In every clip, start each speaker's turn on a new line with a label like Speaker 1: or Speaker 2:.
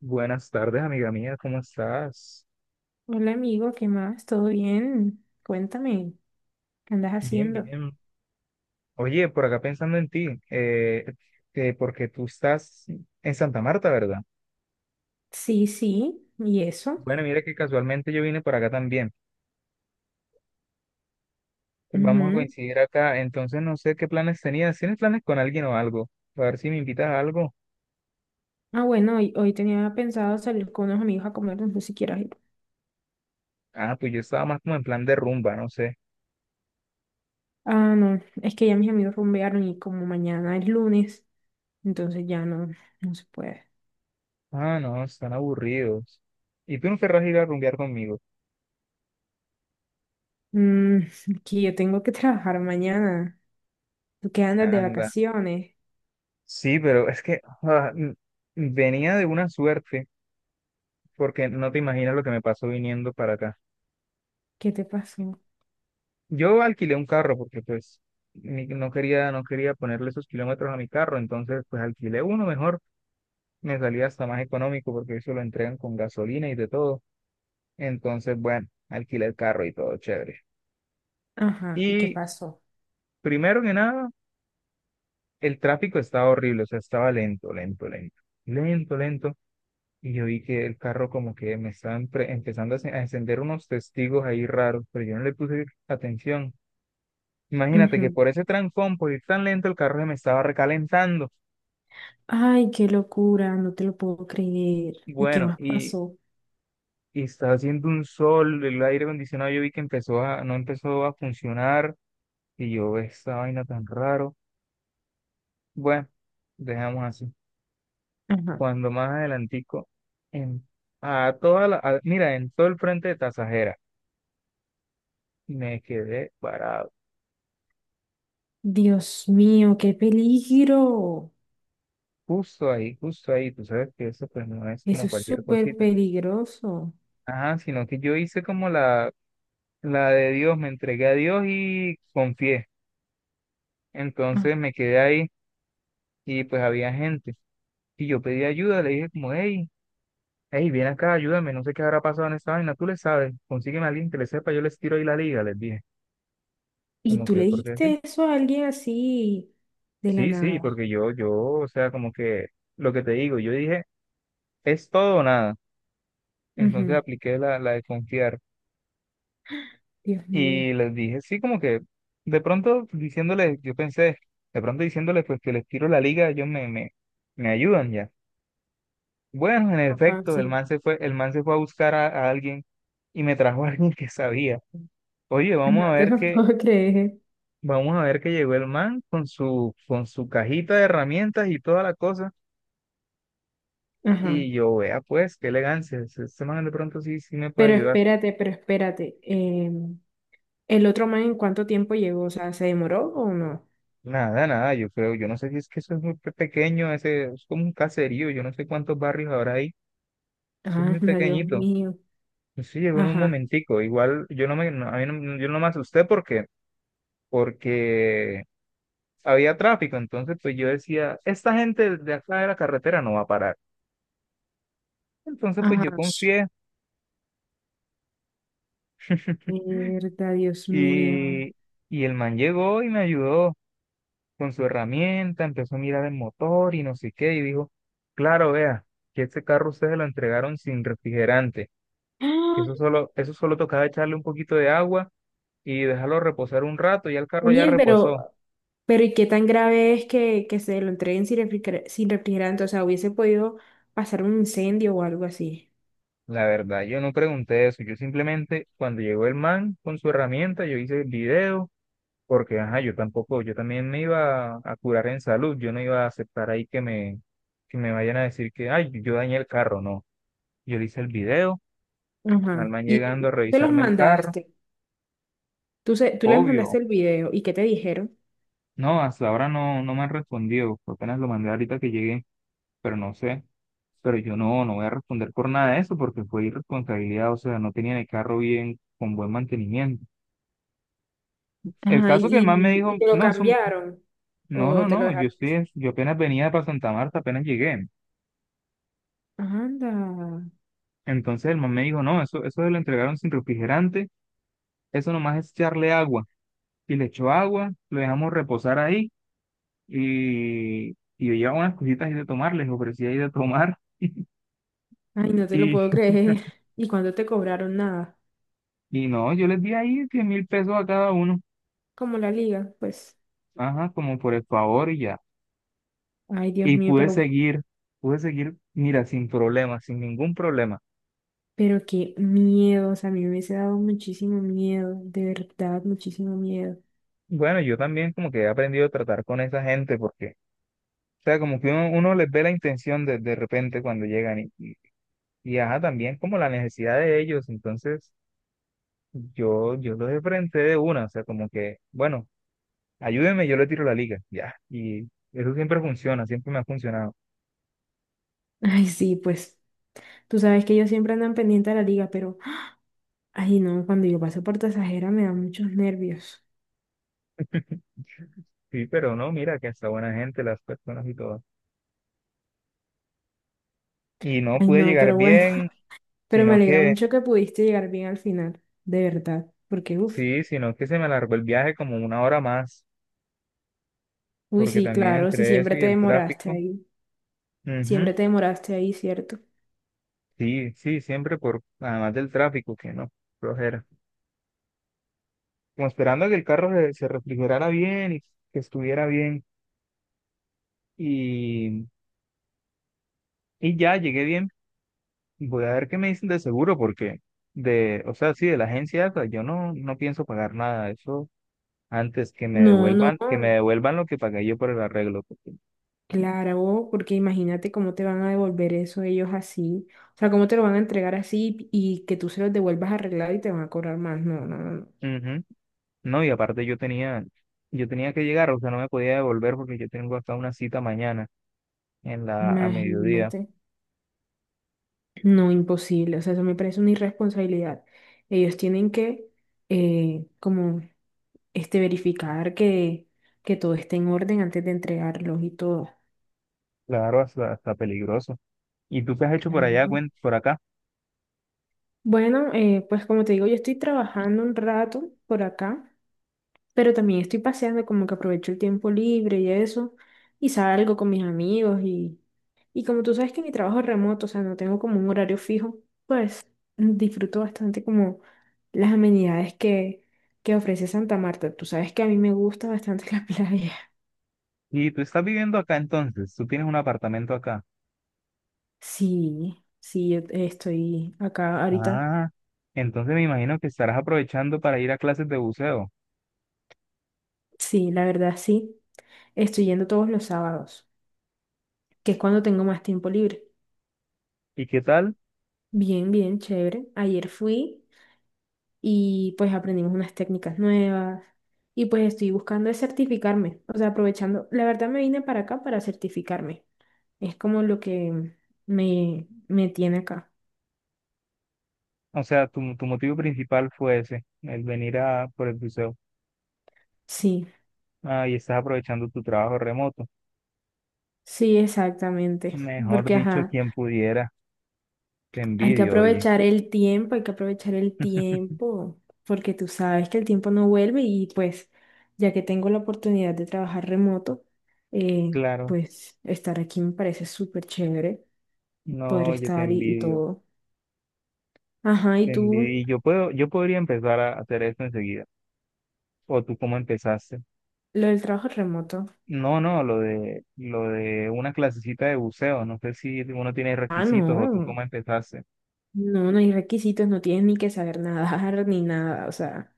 Speaker 1: Buenas tardes, amiga mía, ¿cómo estás?
Speaker 2: Hola amigo, ¿qué más? ¿Todo bien? Cuéntame, ¿qué andas
Speaker 1: Bien,
Speaker 2: haciendo?
Speaker 1: bien. Oye, por acá pensando en ti, porque tú estás en Santa Marta, ¿verdad?
Speaker 2: Sí, sí, ¿y eso?
Speaker 1: Bueno, mira que casualmente yo vine por acá también. Vamos a
Speaker 2: Ujú.
Speaker 1: coincidir acá, entonces no sé qué planes tenías. ¿Tienes planes con alguien o algo? A ver si me invitas a algo.
Speaker 2: Ah, bueno, hoy tenía pensado salir con unos amigos a comer, no sé si quieras ir.
Speaker 1: Ah, pues yo estaba más como en plan de rumba, no sé.
Speaker 2: Ah, no, es que ya mis amigos rumbearon y como mañana es lunes, entonces ya no se puede.
Speaker 1: Ah, no, están aburridos. ¿Y tú no querrás ir a rumbear conmigo?
Speaker 2: Mm, que yo tengo que trabajar mañana. ¿Tú qué andas de
Speaker 1: Anda.
Speaker 2: vacaciones?
Speaker 1: Sí, pero es que venía de una suerte, porque no te imaginas lo que me pasó viniendo para acá.
Speaker 2: ¿Qué te pasó?
Speaker 1: Yo alquilé un carro porque pues no quería, no quería ponerle esos kilómetros a mi carro, entonces pues alquilé uno mejor, me salía hasta más económico porque eso lo entregan con gasolina y de todo. Entonces, bueno, alquilé el carro y todo chévere.
Speaker 2: Ajá, ¿y qué
Speaker 1: Y
Speaker 2: pasó?
Speaker 1: primero que nada, el tráfico estaba horrible, o sea, estaba lento, lento, lento, lento, lento. Y yo vi que el carro como que me estaban empezando a encender unos testigos ahí raros, pero yo no le puse atención. Imagínate que
Speaker 2: Ujú.
Speaker 1: por ese trancón, por ir tan lento, el carro se me estaba recalentando.
Speaker 2: Ay, qué locura, no te lo puedo creer. ¿Y qué
Speaker 1: Bueno,
Speaker 2: más pasó?
Speaker 1: y estaba haciendo un sol, el aire acondicionado yo vi que empezó no empezó a funcionar, y yo, esta vaina tan raro. Bueno, dejamos así.
Speaker 2: Ajá.
Speaker 1: Cuando más adelantico, en, a toda mira, en todo el frente de Tasajera, me quedé parado.
Speaker 2: Dios mío, qué peligro.
Speaker 1: Justo ahí, tú sabes que eso pues no es
Speaker 2: Eso
Speaker 1: como
Speaker 2: es
Speaker 1: cualquier
Speaker 2: súper
Speaker 1: cosita.
Speaker 2: peligroso.
Speaker 1: Ajá, sino que yo hice como la de Dios, me entregué a Dios y confié.
Speaker 2: Ah.
Speaker 1: Entonces me quedé ahí y pues había gente. Y yo pedí ayuda, le dije como, hey, hey, ven acá, ayúdame, no sé qué habrá pasado en esta vaina, tú le sabes, consígueme a alguien que le sepa, yo les tiro ahí la liga, les dije.
Speaker 2: ¿Y
Speaker 1: Como
Speaker 2: tú
Speaker 1: que,
Speaker 2: le
Speaker 1: ¿por qué sí?
Speaker 2: dijiste eso a alguien así de la
Speaker 1: Sí, sí,
Speaker 2: nada?
Speaker 1: porque yo, o sea, como que lo que te digo, yo dije, es todo o nada. Entonces
Speaker 2: Ujú,
Speaker 1: apliqué la de confiar.
Speaker 2: Dios mío.
Speaker 1: Y les dije, sí, como que de pronto diciéndoles, yo pensé, de pronto diciéndoles pues que les tiro la liga, ellos me ayudan ya. Bueno, en
Speaker 2: Ajá,
Speaker 1: efecto, el
Speaker 2: sí.
Speaker 1: man se fue, el man se fue a buscar a alguien y me trajo a alguien que sabía. Oye, vamos
Speaker 2: No
Speaker 1: a
Speaker 2: te
Speaker 1: ver
Speaker 2: lo
Speaker 1: que,
Speaker 2: puedo creer.
Speaker 1: vamos a ver que llegó el man con su cajita de herramientas y toda la cosa.
Speaker 2: Ajá.
Speaker 1: Y yo, vea pues, qué elegancia, ese ese man de pronto sí, sí me puede
Speaker 2: Pero
Speaker 1: ayudar.
Speaker 2: espérate, pero espérate. ¿El otro man en cuánto tiempo llegó? O sea, ¿se demoró o no?
Speaker 1: Nada, nada, yo creo, yo no sé si es que eso es muy pequeño, ese, es como un caserío, yo no sé cuántos barrios habrá ahí, eso es
Speaker 2: Ah,
Speaker 1: muy
Speaker 2: Dios
Speaker 1: pequeñito.
Speaker 2: mío.
Speaker 1: Sí, llegó en un
Speaker 2: Ajá.
Speaker 1: momentico, igual yo no me, no, a mí yo no me asusté porque, porque había tráfico, entonces pues yo decía, esta gente de acá de la carretera no va a parar. Entonces pues yo
Speaker 2: Ajá.
Speaker 1: confié.
Speaker 2: Mierda, Dios mío.
Speaker 1: y, y el man llegó y me ayudó con su herramienta, empezó a mirar el motor y no sé qué, y dijo, claro, vea, que este carro ustedes lo entregaron sin refrigerante. Eso solo tocaba echarle un poquito de agua y dejarlo reposar un rato. Ya el carro ya
Speaker 2: Oye,
Speaker 1: reposó.
Speaker 2: pero ¿y qué tan grave es que se lo entreguen sin sin refrigerante? O sea, hubiese podido pasar un incendio o algo así.
Speaker 1: La verdad, yo no pregunté eso. Yo simplemente, cuando llegó el man con su herramienta, yo hice el video, porque ajá, yo tampoco, yo también me iba a curar en salud. Yo no iba a aceptar ahí que me vayan a decir que, ay, yo dañé el carro. No. Yo le hice el video, al
Speaker 2: Ajá.
Speaker 1: man
Speaker 2: Y
Speaker 1: llegando a
Speaker 2: tú te los
Speaker 1: revisarme el carro.
Speaker 2: mandaste. Tú, tú les mandaste
Speaker 1: Obvio.
Speaker 2: el video. ¿Y qué te dijeron?
Speaker 1: No, hasta ahora no me han respondido. Apenas lo mandé ahorita que llegué, pero no sé. Pero yo no, no voy a responder por nada de eso porque fue irresponsabilidad, o sea, no tenían el carro bien, con buen mantenimiento. El
Speaker 2: Ajá.
Speaker 1: caso que el man me
Speaker 2: ¿
Speaker 1: dijo,
Speaker 2: y te lo
Speaker 1: no, eso,
Speaker 2: cambiaron?
Speaker 1: no,
Speaker 2: ¿O
Speaker 1: no,
Speaker 2: te lo
Speaker 1: no, yo
Speaker 2: dejaron?
Speaker 1: estoy, yo apenas venía para Santa Marta, apenas llegué.
Speaker 2: Anda.
Speaker 1: Entonces el man me dijo, no, eso se lo entregaron sin refrigerante, eso nomás es echarle agua. Y le echó agua, lo dejamos reposar ahí y yo llevaba unas cositas ahí de tomar, les ofrecía ahí de tomar.
Speaker 2: Ay, no te lo puedo
Speaker 1: Y,
Speaker 2: creer. ¿Y cuándo te cobraron nada?
Speaker 1: y no, yo les di ahí 10.000 pesos a cada uno,
Speaker 2: Como la liga, pues.
Speaker 1: ajá, como por el favor y ya.
Speaker 2: Ay, Dios
Speaker 1: Y
Speaker 2: mío, pero
Speaker 1: pude seguir, mira, sin problema, sin ningún problema.
Speaker 2: Pero qué miedo, o sea, a mí me hubiese dado muchísimo miedo, de verdad, muchísimo miedo.
Speaker 1: Bueno, yo también como que he aprendido a tratar con esa gente porque, o sea, como que uno les ve la intención de repente cuando llegan ajá, también como la necesidad de ellos, entonces yo los enfrenté de una, o sea, como que, bueno, ayúdenme, yo le tiro la liga, ya, y eso siempre funciona, siempre me ha funcionado.
Speaker 2: Ay, sí, pues tú sabes que ellos siempre andan pendiente a la liga, pero, ay, no, cuando yo paso por Tasajera me dan muchos nervios.
Speaker 1: Sí, pero no, mira que hasta buena gente, las personas y todo. Y no
Speaker 2: Ay,
Speaker 1: pude
Speaker 2: no,
Speaker 1: llegar
Speaker 2: pero bueno,
Speaker 1: bien,
Speaker 2: pero me
Speaker 1: sino
Speaker 2: alegra
Speaker 1: que
Speaker 2: mucho que pudiste llegar bien al final, de verdad, porque, uff,
Speaker 1: sí, sino que se me alargó el viaje como 1 hora más,
Speaker 2: uy,
Speaker 1: porque
Speaker 2: sí,
Speaker 1: también
Speaker 2: claro, si
Speaker 1: entre eso
Speaker 2: siempre
Speaker 1: y
Speaker 2: te
Speaker 1: el
Speaker 2: demoraste
Speaker 1: tráfico.
Speaker 2: ahí,
Speaker 1: Ujú.
Speaker 2: siempre te demoraste ahí, ¿cierto?
Speaker 1: Sí, sí, siempre por, además del tráfico, que no, flojera. Como esperando a que el se refrigerara bien y que estuviera bien. Y, y ya llegué bien. Voy a ver qué me dicen de seguro, porque de, o sea, sí, de la agencia esa, yo no, no pienso pagar nada. Eso antes
Speaker 2: No, no.
Speaker 1: que me devuelvan lo que pagué yo por el arreglo. Porque...
Speaker 2: Claro, porque imagínate cómo te van a devolver eso ellos así. O sea, cómo te lo van a entregar así y que tú se los devuelvas arreglado y te van a cobrar más. No, no, no.
Speaker 1: ujú. No, y aparte yo tenía que llegar, o sea, no me podía devolver porque yo tengo hasta una cita mañana en a mediodía.
Speaker 2: Imagínate. No, imposible. O sea, eso me parece una irresponsabilidad. Ellos tienen como, verificar que todo esté en orden antes de entregarlos y todo.
Speaker 1: Claro, hasta, hasta peligroso. ¿Y tú qué has hecho por
Speaker 2: Claro.
Speaker 1: allá,
Speaker 2: ¿no?
Speaker 1: por acá?
Speaker 2: Bueno, pues como te digo, yo estoy trabajando un rato por acá. Pero también estoy paseando, como que aprovecho el tiempo libre y eso, y salgo con mis amigos y como tú sabes que mi trabajo es remoto, o sea, no tengo como un horario fijo, pues disfruto bastante como las amenidades que ofrece Santa Marta. Tú sabes que a mí me gusta bastante la playa.
Speaker 1: Y tú estás viviendo acá entonces, tú tienes un apartamento acá.
Speaker 2: Sí, sí, yo estoy acá ahorita.
Speaker 1: Ah, entonces me imagino que estarás aprovechando para ir a clases de buceo.
Speaker 2: Sí, la verdad sí. Estoy yendo todos los sábados, que es cuando tengo más tiempo libre.
Speaker 1: ¿Y qué tal?
Speaker 2: Bien, bien, chévere. Ayer fui. Y pues aprendimos unas técnicas nuevas y pues estoy buscando es certificarme, o sea, aprovechando, la verdad me vine para acá para certificarme, es como lo que me tiene acá.
Speaker 1: O sea, tu motivo principal fue ese, el venir a por el buceo.
Speaker 2: Sí,
Speaker 1: Ah, y estás aprovechando tu trabajo remoto.
Speaker 2: sí, exactamente,
Speaker 1: Mejor
Speaker 2: porque
Speaker 1: dicho,
Speaker 2: ajá,
Speaker 1: quien pudiera, te
Speaker 2: hay que
Speaker 1: envidio, oye.
Speaker 2: aprovechar el tiempo, hay que aprovechar el tiempo, porque tú sabes que el tiempo no vuelve y pues ya que tengo la oportunidad de trabajar remoto, eh,
Speaker 1: Claro.
Speaker 2: pues estar aquí me parece súper chévere, poder
Speaker 1: No, yo te
Speaker 2: estar y
Speaker 1: envidio,
Speaker 2: todo. Ajá, ¿y
Speaker 1: te envidio.
Speaker 2: tú?
Speaker 1: Y yo puedo, yo podría empezar a hacer esto enseguida. ¿O tú cómo empezaste?
Speaker 2: Lo del trabajo remoto.
Speaker 1: No, no, lo de una clasecita de buceo. No sé si uno tiene
Speaker 2: Ah,
Speaker 1: requisitos o tú cómo
Speaker 2: no.
Speaker 1: empezaste.
Speaker 2: No, no hay requisitos, no tienes ni que saber nadar ni nada. O sea,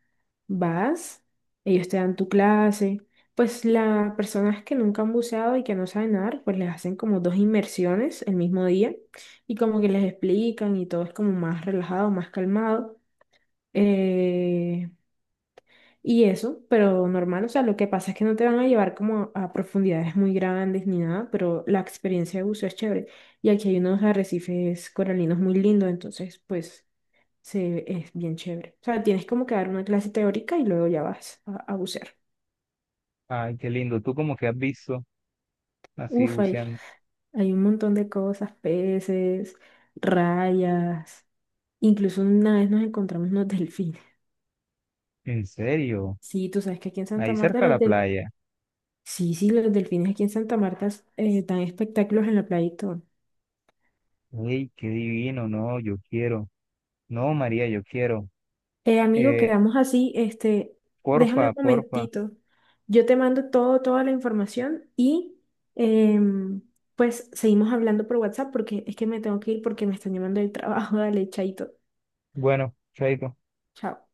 Speaker 2: vas, ellos te dan tu clase. Pues las personas que nunca han buceado y que no saben nadar, pues les hacen como dos inmersiones el mismo día y como que les explican y todo es como más relajado, más calmado. Eh, Y eso, pero normal, o sea, lo que pasa es que no te van a llevar como a profundidades muy grandes ni nada, pero la experiencia de buceo es chévere. Y aquí hay unos arrecifes coralinos muy lindos, entonces pues es bien chévere. O sea, tienes como que dar una clase teórica y luego ya vas a bucear.
Speaker 1: Ay, qué lindo. ¿Tú como que has visto así
Speaker 2: Uf,
Speaker 1: buceando?
Speaker 2: hay un montón de cosas, peces, rayas, incluso una vez nos encontramos unos delfines.
Speaker 1: ¿En serio?
Speaker 2: Sí, tú sabes que aquí en
Speaker 1: Ahí
Speaker 2: Santa Marta
Speaker 1: cerca de la
Speaker 2: los del,
Speaker 1: playa.
Speaker 2: sí, sí, los delfines aquí en Santa Marta dan espectáculos en la playa y todo.
Speaker 1: Ay, qué divino. No, yo quiero. No, María, yo quiero.
Speaker 2: Amigo,
Speaker 1: Eh,
Speaker 2: quedamos así, déjame
Speaker 1: porfa,
Speaker 2: un
Speaker 1: porfa.
Speaker 2: momentito. Yo te mando todo, toda la información y em, pues seguimos hablando por WhatsApp porque es que me tengo que ir porque me están llamando del trabajo. Dale, chaito.
Speaker 1: Bueno, chaito.
Speaker 2: Chao.